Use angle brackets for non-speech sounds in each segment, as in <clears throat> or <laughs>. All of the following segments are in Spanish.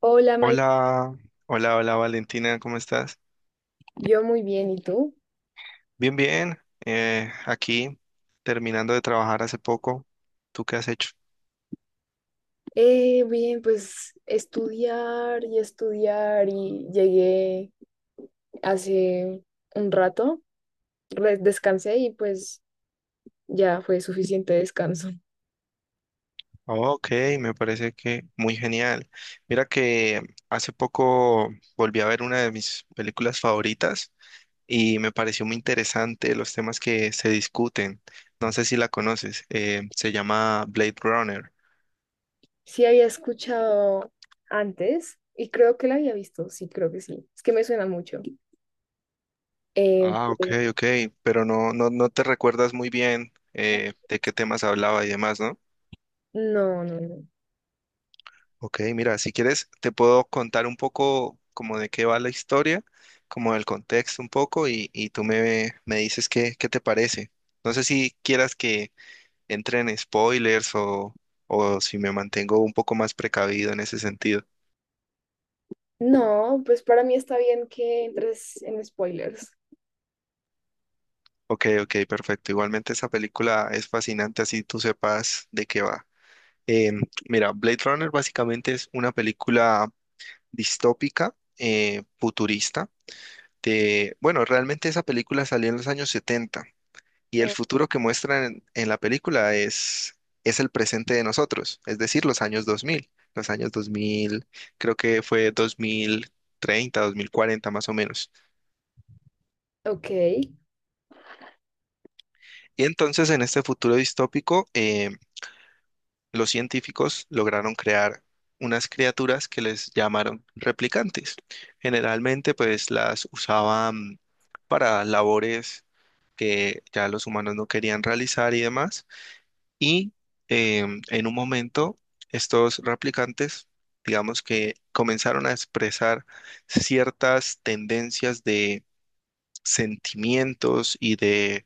Hola, Mike. Hola, hola, hola Valentina, ¿cómo estás? Yo muy bien, ¿y tú? Bien, bien, aquí terminando de trabajar hace poco. ¿Tú qué has hecho? Bien, pues estudiar y estudiar y llegué hace un rato, descansé y pues ya fue suficiente descanso. Oh, ok, me parece que muy genial. Mira que hace poco volví a ver una de mis películas favoritas y me pareció muy interesante los temas que se discuten. No sé si la conoces, se llama Blade Runner. Sí, había escuchado antes y creo que la había visto, sí, creo que sí. Es que me suena mucho. Eh, Ah, ok, ok, pero no, no, no te recuerdas muy bien de qué temas hablaba y demás, ¿no? no, no, no. Ok, mira, si quieres, te puedo contar un poco como de qué va la historia, como el contexto un poco, y tú me dices qué te parece. No sé si quieras que entre en spoilers o si me mantengo un poco más precavido en ese sentido. No, pues para mí está bien que entres en spoilers. Ok, ok, perfecto. Igualmente esa película es fascinante, así tú sepas de qué va. Em, mira, Blade Runner básicamente es una película distópica, futurista. De, bueno, realmente esa película salió en los años 70. Y el futuro que muestran en la película es el presente de nosotros, es decir, los años dos mil creo que fue 2030 2040 más o menos. Ok. Y entonces en este futuro distópico, los científicos lograron crear unas criaturas que les llamaron replicantes. Generalmente pues las usaban para labores que ya los humanos no querían realizar y demás. Y en un momento, estos replicantes, digamos que comenzaron a expresar ciertas tendencias de sentimientos y de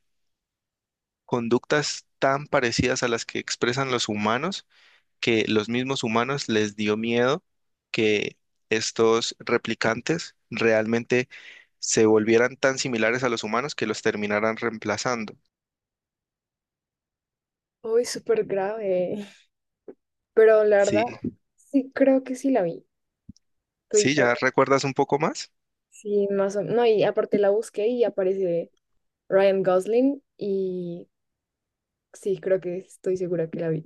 conductas tan parecidas a las que expresan los humanos, que los mismos humanos les dio miedo que estos replicantes realmente se volvieran tan similares a los humanos que los terminaran reemplazando. Uy, súper grave. Pero la verdad, Sí, sí, creo que sí la vi, sí, todita. ¿ya recuerdas un poco más? Sí, más o menos. No, y aparte la busqué y aparece Ryan Gosling y sí, creo que estoy segura que la vi.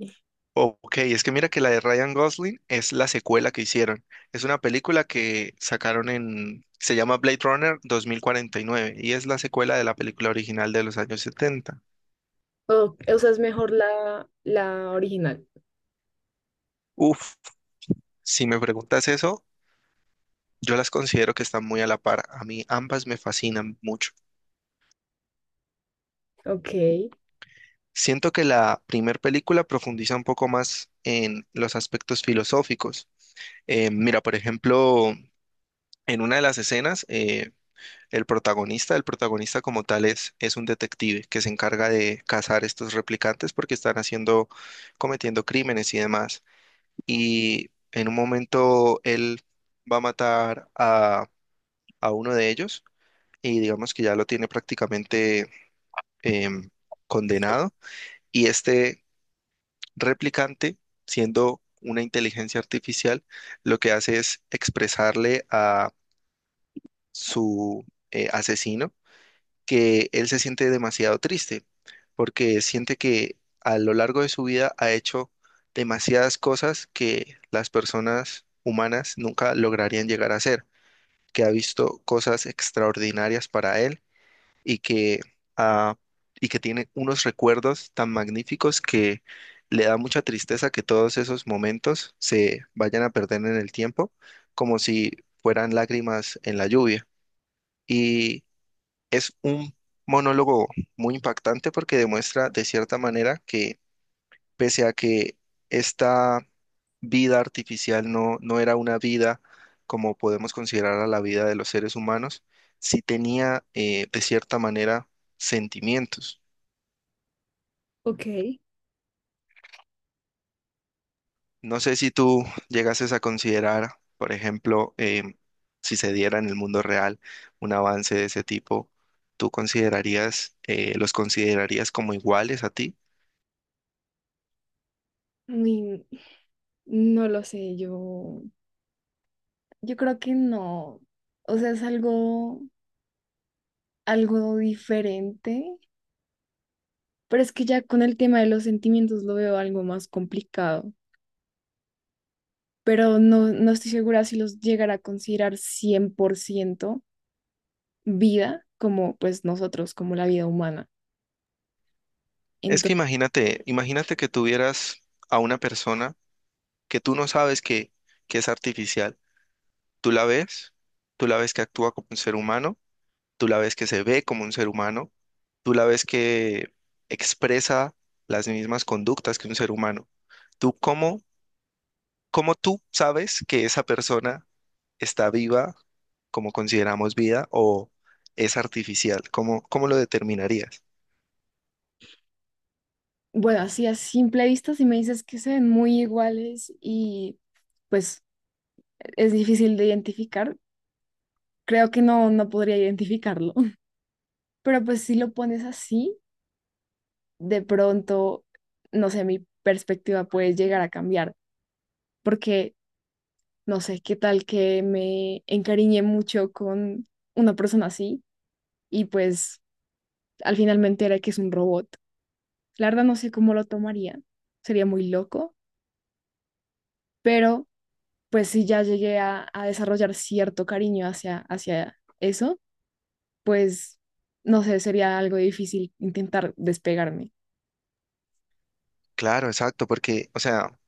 Ok, es que mira que la de Ryan Gosling es la secuela que hicieron. Es una película que sacaron en, se llama Blade Runner 2049 y nueve y es la secuela de la película original de los años 70. O sea, es mejor la original. Uf, si me preguntas eso, yo las considero que están muy a la par. A mí ambas me fascinan mucho. Ok, Siento que la primer película profundiza un poco más en los aspectos filosóficos. Mira, por ejemplo, en una de las escenas. El protagonista como tal es un detective que se encarga de cazar estos replicantes porque están haciendo, cometiendo crímenes y demás. Y en un momento él va a matar a uno de ellos y digamos que ya lo tiene prácticamente em, condenado. Y este replicante, siendo una inteligencia artificial, lo que hace es expresarle a su asesino que él se siente demasiado triste porque siente que a lo largo de su vida ha hecho demasiadas cosas que las personas humanas nunca lograrían llegar a hacer, que ha visto cosas extraordinarias para él y ah, que tiene unos recuerdos tan magníficos que le da mucha tristeza que todos esos momentos se vayan a perder en el tiempo, como si fueran lágrimas en la lluvia. Y es un monólogo muy impactante porque demuestra de cierta manera que pese a que esta vida artificial no era una vida como podemos considerar a la vida de los seres humanos, sí tenía de cierta manera sentimientos. ok. No sé si tú llegases a considerar, por ejemplo, si se diera en el mundo real un avance de ese tipo, ¿tú considerarías, los considerarías como iguales a ti? Ni- no lo sé, yo creo que no. O sea, es algo, algo diferente, pero es que ya con el tema de los sentimientos lo veo algo más complicado. Pero no, no estoy segura si los llegará a considerar 100% vida, como pues nosotros, como la vida humana. Es que Entonces, imagínate que tuvieras a una persona que tú no sabes que es artificial. Tú la ves, tú la ves que actúa como un ser humano, tú la ves que se ve como un ser humano, tú la ves que expresa las mismas conductas que un ser humano. ¿Tú cómo tú sabes que esa persona está viva como consideramos vida o es artificial? ¿Cómo lo determinarías? bueno, así a simple vista, si me dices que se ven muy iguales y pues es difícil de identificar, creo que no, no podría identificarlo. <laughs> Pero pues si lo pones así, de pronto, no sé, mi perspectiva puede llegar a cambiar, porque no sé qué tal que me encariñé mucho con una persona así y pues al finalmente era que es un robot. La verdad no sé cómo lo tomaría, sería muy loco, pero pues si ya llegué a desarrollar cierto cariño hacia eso, pues no sé, sería algo difícil intentar despegarme. Claro, exacto, porque, o sea,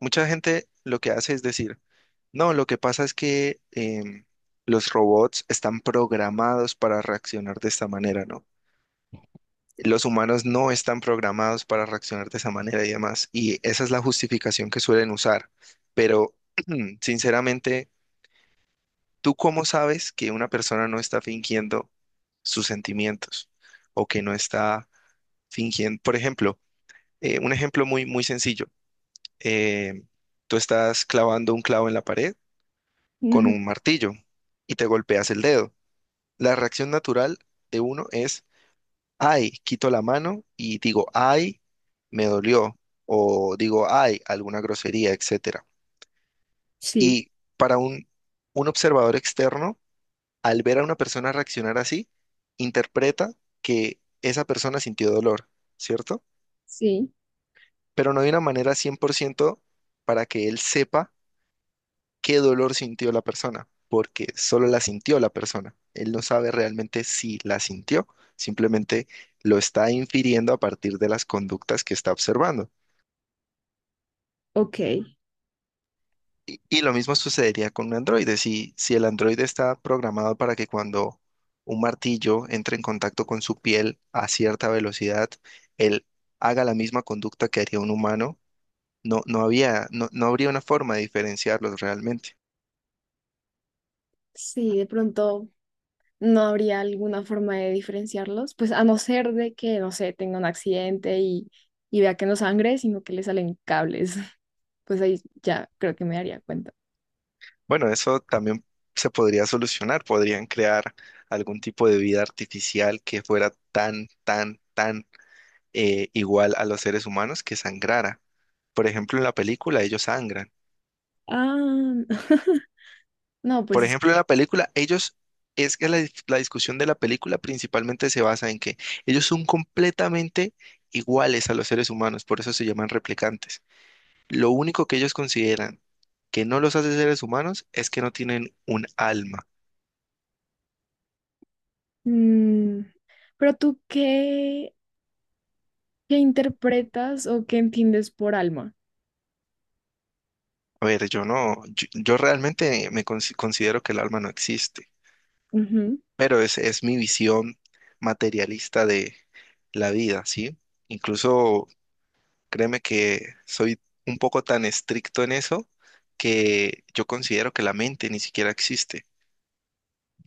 mucha gente lo que hace es decir, no, lo que pasa es que los robots están programados para reaccionar de esta manera, ¿no? Los humanos no están programados para reaccionar de esa manera y demás. Y esa es la justificación que suelen usar. Pero, <clears throat> sinceramente, ¿tú cómo sabes que una persona no está fingiendo sus sentimientos o que no está fingiendo? Por ejemplo, un ejemplo muy, muy sencillo. eh, tú estás clavando un clavo en la pared con Ujú. un martillo y te golpeas el dedo. La reacción natural de uno es ay, quito la mano y digo, ay, me dolió, o digo, ay, alguna grosería, etcétera. Sí, Y para un observador externo, al ver a una persona reaccionar así, interpreta que esa persona sintió dolor, ¿cierto? sí, Pero no hay una manera 100% para que él sepa qué dolor sintió la persona, porque solo la sintió la persona. Él no sabe realmente si la sintió, simplemente lo está infiriendo a partir de las conductas que está observando. ok. Y lo mismo sucedería con un androide. Si el androide está programado para que cuando un martillo entre en contacto con su piel a cierta velocidad, él haga la misma conducta que haría un humano, no había, no habría una forma de diferenciarlos realmente. Sí, de pronto no habría alguna forma de diferenciarlos, pues a no ser de que, no sé, tenga un accidente y vea que no sangre, sino que le salen cables. <laughs> Pues ahí ya creo que me daría cuenta. Bueno, eso también se podría solucionar. Podrían crear algún tipo de vida artificial que fuera tan, tan, tan igual a los seres humanos que sangrara. Por ejemplo, en la película ellos sangran. Ah, <laughs> no, Por pues, ejemplo, en la película, ellos, es que la discusión de la película principalmente se basa en que ellos son completamente iguales a los seres humanos, por eso se llaman replicantes. Lo único que ellos consideran que no los hace seres humanos es que no tienen un alma. mm, pero tú qué, ¿qué interpretas o qué entiendes por alma? A ver, yo no, yo realmente me considero que el alma no existe, Ujú. pero es mi visión materialista de la vida, ¿sí? Incluso créeme que soy un poco tan estricto en eso que yo considero que la mente ni siquiera existe.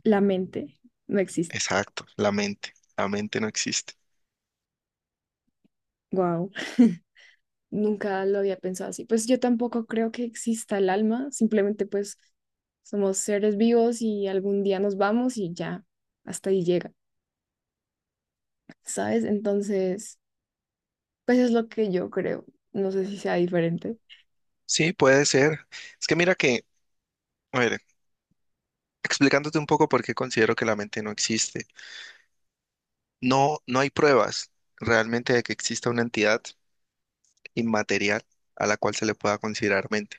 La mente no existe. Exacto, la mente. La mente no existe. Wow. <laughs> Nunca lo había pensado así. Pues yo tampoco creo que exista el alma, simplemente pues somos seres vivos y algún día nos vamos y ya, hasta ahí llega, ¿sabes? Entonces, pues es lo que yo creo. No sé si sea diferente. Sí, puede ser. Es que mira que, a ver, explicándote un poco por qué considero que la mente no existe. No, no hay pruebas realmente de que exista una entidad inmaterial a la cual se le pueda considerar mente,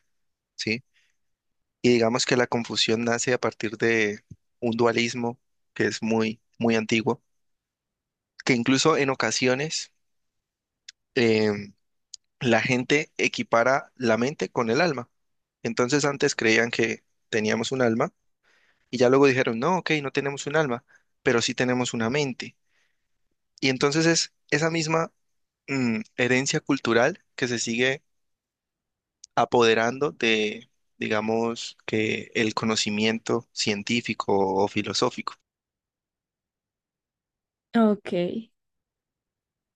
¿sí? Y digamos que la confusión nace a partir de un dualismo que es muy, muy antiguo, que incluso en ocasiones eh, la gente equipara la mente con el alma. Entonces antes creían que teníamos un alma y ya luego dijeron, no, ok, no tenemos un alma, pero sí tenemos una mente. Y entonces es esa misma herencia cultural que se sigue apoderando de, digamos, que el conocimiento científico o filosófico. Ok,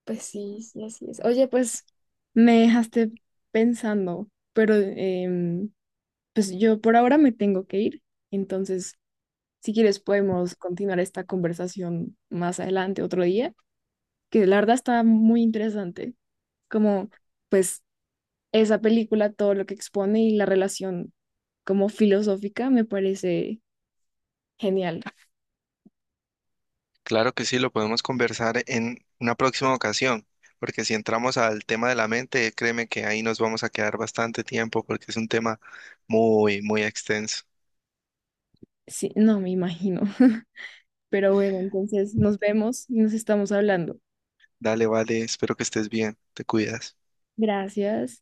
pues sí, sí, así es. Oye, pues me dejaste pensando, pero pues yo por ahora me tengo que ir. Entonces, si quieres podemos continuar esta conversación más adelante, otro día, que la verdad está muy interesante, como pues esa película, todo lo que expone, y la relación como filosófica me parece genial. Claro que sí, lo podemos conversar en una próxima ocasión, porque si entramos al tema de la mente, créeme que ahí nos vamos a quedar bastante tiempo porque es un tema muy, muy extenso. Sí, no me imagino, <laughs> pero bueno, entonces nos vemos y nos estamos hablando. Dale, vale, espero que estés bien, te cuidas. Gracias.